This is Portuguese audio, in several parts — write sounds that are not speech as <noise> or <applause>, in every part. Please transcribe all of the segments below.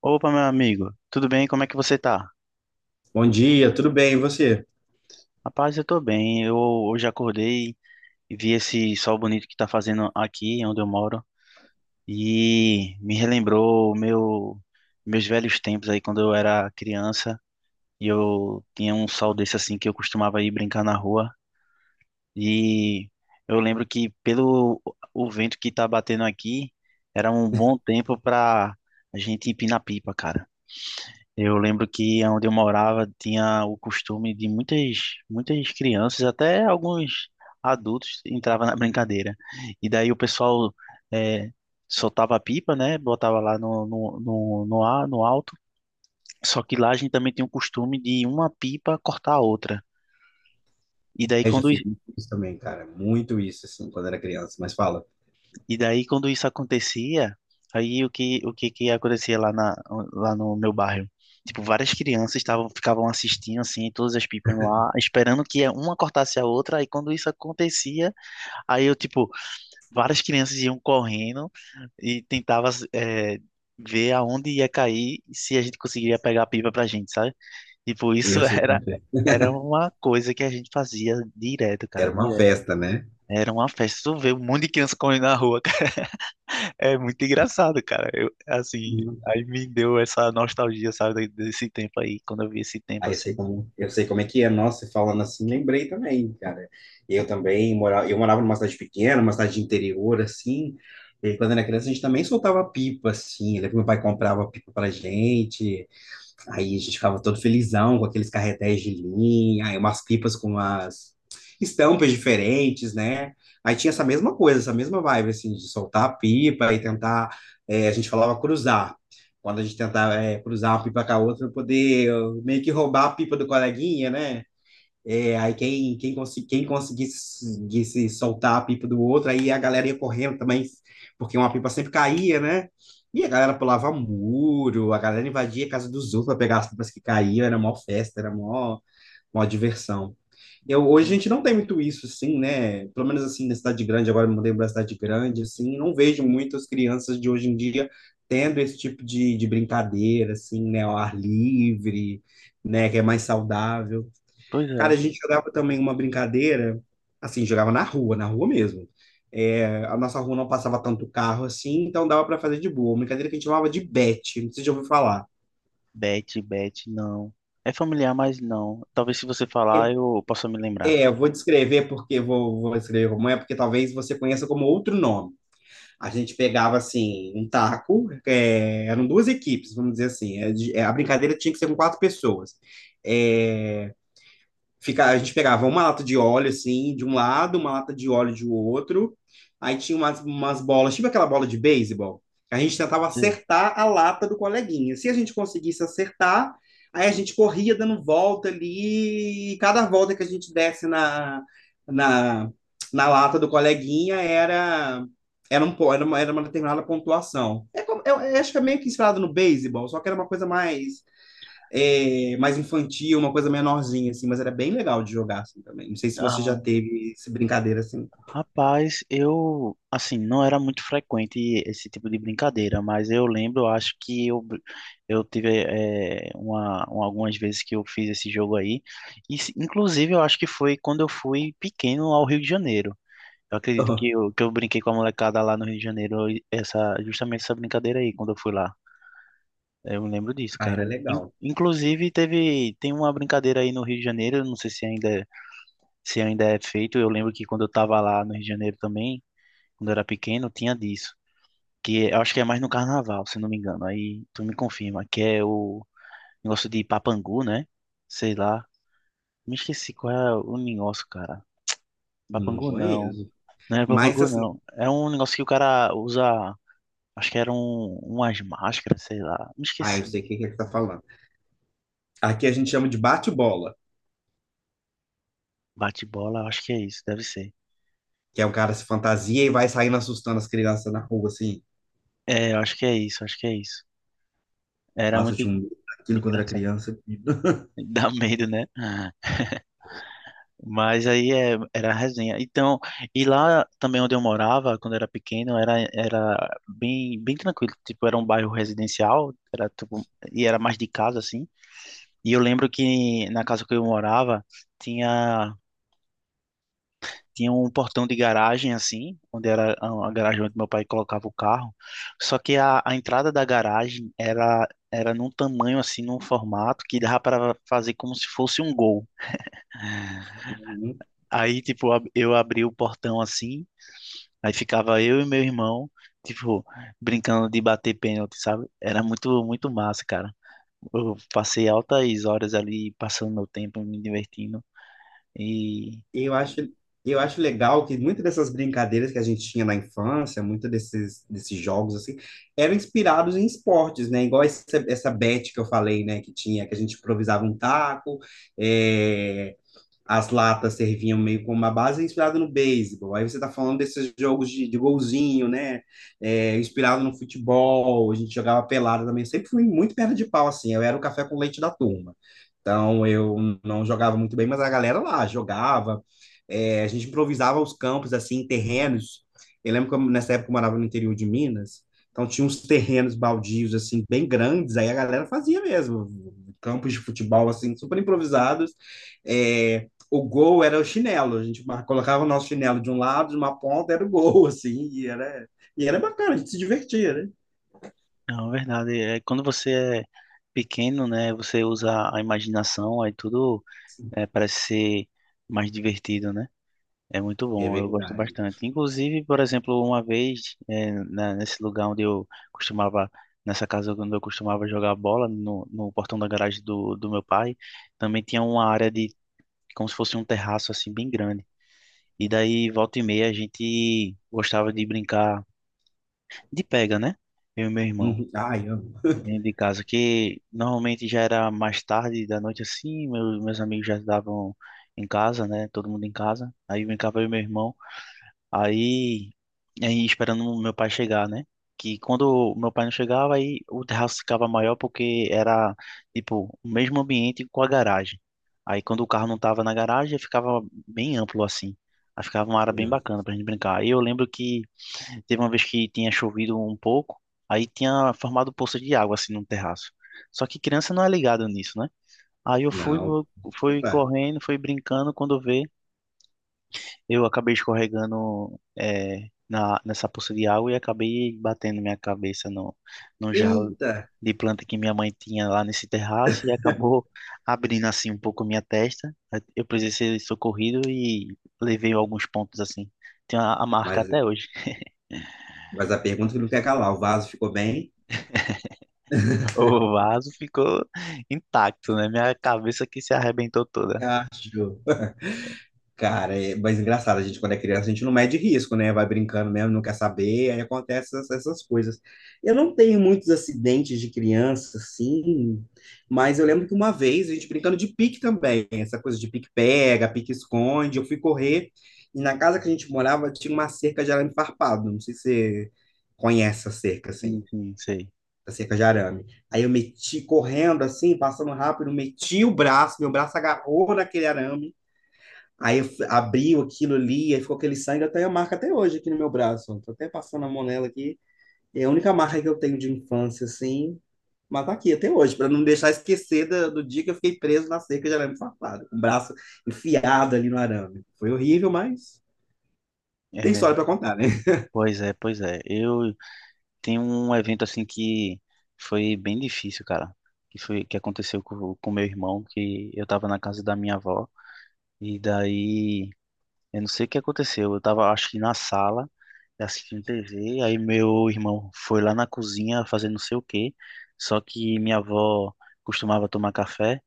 Opa, meu amigo, tudo bem? Como é que você tá? Bom dia, tudo bem? E você? Rapaz, eu tô bem. Eu hoje acordei e vi esse sol bonito que tá fazendo aqui onde eu moro e me relembrou meus velhos tempos aí quando eu era criança e eu tinha um sol desse assim que eu costumava ir brincar na rua e eu lembro que pelo o vento que tá batendo aqui era um bom tempo pra a gente empinar pipa, cara. Eu lembro que onde eu morava tinha o costume de muitas crianças, até alguns adultos, entravam na brincadeira. E daí o pessoal eh, soltava a pipa, né? Botava lá no ar, no alto. Só que lá a gente também tinha o costume de uma pipa cortar a outra. E daí Ai, já quando fiz muito isso também, cara. Muito isso, assim, quando era criança. Mas fala, E daí, quando isso acontecia, aí que acontecia lá no meu bairro? Tipo, várias crianças ficavam assistindo, assim, todas as pipas lá, esperando que uma cortasse a outra. Aí quando isso acontecia, aí eu, tipo, várias crianças iam correndo e ver aonde ia cair e se a gente conseguiria pegar a pipa pra gente, sabe? Tipo, isso eu <laughs> sei como é que é. era uma coisa que a gente fazia direto, cara, Era uma direto. festa, né? Era uma festa. Tu vê um monte de criança correndo na rua, é muito engraçado, cara. Hum. Aí me deu essa nostalgia, sabe, desse tempo aí, quando eu vi esse tempo Aí assim. Eu sei como é que é. Nossa, e falando assim, lembrei também, cara. Eu morava numa cidade pequena, uma cidade de interior, assim. E quando era criança, a gente também soltava pipa, assim. Eu lembro que meu pai comprava pipa pra gente. Aí a gente ficava todo felizão com aqueles carretéis de linha, aí umas pipas com umas estampas diferentes, né? Aí tinha essa mesma coisa, essa mesma vibe, assim, de soltar a pipa e tentar. É, a gente falava cruzar. Quando a gente tentava, é, cruzar uma pipa com a outra, pra poder meio que roubar a pipa do coleguinha, né? É, aí quem conseguisse soltar a pipa do outro, aí a galera ia correndo também, porque uma pipa sempre caía, né? E a galera pulava muro, a galera invadia a casa dos outros para pegar as pipas que caíam, era mó festa, mó diversão. Hoje a gente não tem muito isso, assim, né? Pelo menos assim, na cidade grande, agora eu me mudei para cidade grande, assim, não vejo muitas crianças de hoje em dia tendo esse tipo de brincadeira, assim, né? Ao ar livre, né? Que é mais saudável. Pois Cara, a é. gente jogava também uma brincadeira, assim, jogava na rua mesmo. É, a nossa rua não passava tanto carro assim, então dava para fazer de boa. Uma brincadeira que a gente chamava de bet, não sei se já ouviu falar. Bet, bet, não. É familiar, mas não. Talvez se você falar, É, eu possa me lembrar. Eu vou descrever porque vou descrever como é, porque talvez você conheça como outro nome. A gente pegava assim um taco, é, eram duas equipes, vamos dizer assim. É, a brincadeira tinha que ser com quatro pessoas. É, a gente pegava uma lata de óleo, assim, de um lado, uma lata de óleo do outro. Aí tinha umas bolas, tipo aquela bola de beisebol. A gente tentava Sim. acertar a lata do coleguinha. Se a gente conseguisse acertar, aí a gente corria dando volta ali, e cada volta que a gente desse na, na lata do coleguinha era, era, um, po- era uma determinada pontuação. Eu acho que é meio que inspirado no beisebol, só que era uma coisa mais mais infantil, uma coisa menorzinha, assim, mas era bem legal de jogar assim, também. Não sei se você já Ah. teve essa brincadeira assim. Rapaz, eu, assim, não era muito frequente esse tipo de brincadeira, mas eu lembro, eu acho que eu tive algumas vezes que eu fiz esse jogo aí, inclusive eu acho que foi quando eu fui pequeno ao Rio de Janeiro. Eu acredito que <laughs> que eu brinquei com a molecada lá no Rio de Janeiro, e justamente essa brincadeira aí, quando eu fui lá. Eu me lembro disso, Ah, era cara. Legal. Inclusive, tem uma brincadeira aí no Rio de Janeiro, eu não sei se ainda, se ainda é feito, eu lembro que quando eu tava lá no Rio de Janeiro também quando eu era pequeno, tinha disso. Que é, eu acho que é mais no carnaval, se não me engano. Aí tu me confirma, que é o negócio de papangu, né? Sei lá. Me esqueci qual é o negócio, cara. Não Papangu não. conheço. Não é Mas papangu assim, não. É um negócio que o cara usa. Acho que era umas máscaras, sei lá. Me ah, eu esqueci. sei o que que ele tá falando. Aqui a gente chama de bate-bola, Bate-bola, acho que é isso, deve ser. que é o cara se fantasia e vai saindo assustando as crianças na rua, assim. É, eu acho que é isso, acho que é isso. Era Nossa, eu muito tinha um en- medo daquilo quando era engraçado. criança. <laughs> <laughs> Dá medo, né? Era a resenha. Então, e lá também onde eu morava, quando era pequeno, era bem tranquilo. Tipo, era um bairro residencial, era tipo, e era mais de casa, assim. E eu lembro que na casa que eu morava, tinha, tinha um portão de garagem, assim, onde era a garagem onde meu pai colocava o carro. Só que a entrada da garagem era num tamanho, assim, num formato que dava para fazer como se fosse um gol. Eu abri o portão assim. Aí ficava eu e meu irmão, tipo, brincando de bater pênalti, sabe? Era muito massa, cara. Eu passei altas horas ali passando meu tempo, me divertindo. E, E eu acho, e eu acho legal que muitas dessas brincadeiras que a gente tinha na infância, desses jogos, assim, eram inspirados em esportes, né? Igual essa bet que eu falei, né? Que tinha, que a gente improvisava um taco, é, as latas serviam meio como uma base inspirada no beisebol. Aí você está falando desses jogos de golzinho, né? É, inspirado no futebol, a gente jogava pelada também. Eu sempre fui muito perna de pau, assim. Eu era o café com leite da turma. Então eu não jogava muito bem, mas a galera lá jogava. É, a gente improvisava os campos, assim, terrenos. Eu lembro que nessa época eu morava no interior de Minas. Então tinha uns terrenos baldios, assim, bem grandes. Aí a galera fazia mesmo. Campos de futebol, assim, super improvisados. É, o gol era o chinelo. A gente colocava o nosso chinelo de um lado, de uma ponta, era o gol, <laughs> assim, e era bacana, a gente se divertia, né? não, é verdade, é quando você é pequeno, né? Você usa a imaginação, aí tudo é, parece ser mais divertido, né? É muito É bom, eu gosto verdade. bastante. Inclusive, por exemplo, uma vez, nesse lugar onde eu costumava, nessa casa onde eu costumava jogar bola, no portão da garagem do meu pai, também tinha uma área de, como se fosse um terraço assim, bem grande. E daí, volta e meia, a gente gostava de brincar de pega, né? Eu e meu irmão, Uhum. Ai, amo. dentro de casa, que normalmente já era mais tarde da noite assim, meus amigos já estavam em casa, né? Todo mundo em casa. Aí brincava eu e meu irmão. Aí, aí esperando o meu pai chegar, né? Que quando o meu pai não chegava, aí o terraço ficava maior porque era, tipo, o mesmo ambiente com a garagem. Aí quando o carro não tava na garagem, ficava bem amplo assim. Aí ficava uma área bem Não, bacana pra gente brincar. Aí eu lembro que teve uma vez que tinha chovido um pouco, aí tinha formado poça de água assim no terraço. Só que criança não é ligada nisso, né? Aí eu fui, não. fui correndo, fui brincando, quando vê eu acabei escorregando nessa poça de água e acabei batendo minha cabeça no jarro Eita! de planta que minha mãe tinha lá nesse terraço e acabou abrindo assim um pouco minha testa. Eu precisei ser socorrido e levei alguns pontos assim. Tem a marca Mas, até hoje. <laughs> mas a pergunta que não quer calar, o vaso ficou bem? O vaso ficou intacto, né? Minha cabeça que se arrebentou toda. Acho. Cara, é, mas engraçado, a gente quando é criança, a gente não mede risco, né? Vai brincando mesmo, não quer saber, aí acontecem essas coisas. Eu não tenho muitos acidentes de criança, assim, mas eu lembro que uma vez a gente brincando de pique também, essa coisa de pique pega, pique esconde, eu fui correr e na casa que a gente morava tinha uma cerca de arame farpado, não sei se você conhece a cerca, assim, Sim, sim, sei. a cerca de arame. Aí eu meti correndo, assim, passando rápido, meti o braço, meu braço agarrou naquele arame, aí eu abriu aquilo ali, aí ficou aquele sangue, eu tenho a marca até hoje aqui no meu braço. Tô até passando a mão nela aqui. É a única marca que eu tenho de infância, assim. Mas tá aqui até hoje, para não deixar esquecer dia que eu fiquei preso na cerca de arame farpado, com o braço enfiado ali no arame. Foi horrível, mas tem É, história para contar, né? pois é, pois é. Eu tem um evento assim que foi bem difícil, cara. Que foi que aconteceu com meu irmão, que eu tava na casa da minha avó e daí eu não sei o que aconteceu. Eu tava acho que na sala assistindo TV, aí meu irmão foi lá na cozinha fazer não sei o quê. Só que minha avó costumava tomar café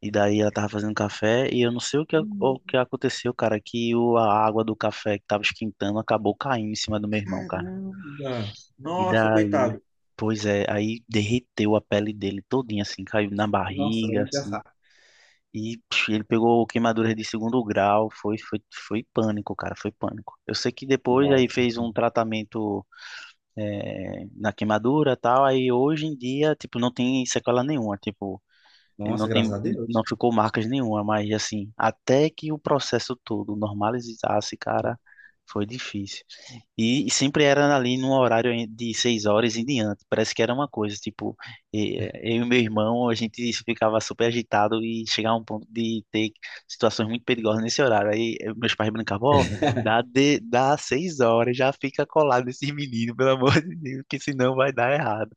e daí ela tava fazendo café e eu não sei o que Hum. aconteceu, cara, que a água do café que tava esquentando acabou caindo em cima do meu irmão, cara. Caramba! E Nossa, daí, coitado. pois é, aí derreteu a pele dele todinha, assim, caiu na Nossa, não barriga, ia assim. pensar. E psh, ele pegou queimadura de segundo grau, foi pânico, cara, foi pânico. Eu sei que depois aí Nossa, fez um tratamento na queimadura e tal, aí hoje em dia, tipo, não tem sequela nenhuma, tipo, ele não nossa, tem, graças a não Deus. ficou marcas nenhuma, mas assim, até que o processo todo normalizasse, cara, foi difícil. E sempre era ali num horário de 6 horas em diante. Parece que era uma coisa, tipo, eu e meu irmão, a gente ficava super agitado e chegava a um ponto de ter situações muito perigosas nesse horário. Aí meus pais brincavam, ó, dá 6 horas, já fica colado esse menino, pelo amor de Deus, que senão vai dar errado.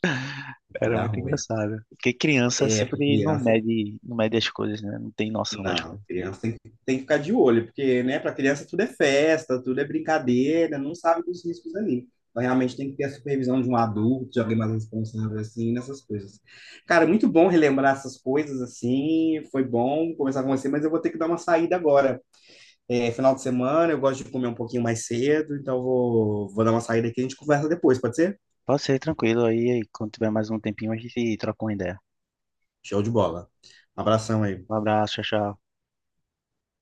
Vai Era dar muito ruim. engraçado. Porque criança É, porque sempre criança. Não mede as coisas, né? Não tem noção das Não, coisas. criança tem que ficar de olho, porque, né, para criança tudo é festa, tudo é brincadeira, não sabe dos riscos ali. Então, realmente tem que ter a supervisão de um adulto, de alguém mais responsável, assim, nessas coisas. Cara, muito bom relembrar essas coisas, assim, foi bom conversar com você, mas eu vou ter que dar uma saída agora. É final de semana, eu gosto de comer um pouquinho mais cedo, então vou dar uma saída aqui e a gente conversa depois, pode ser? Pode ser tranquilo aí, quando tiver mais um tempinho, a gente troca uma ideia. Show de bola. Abração Um aí. abraço, tchau, tchau.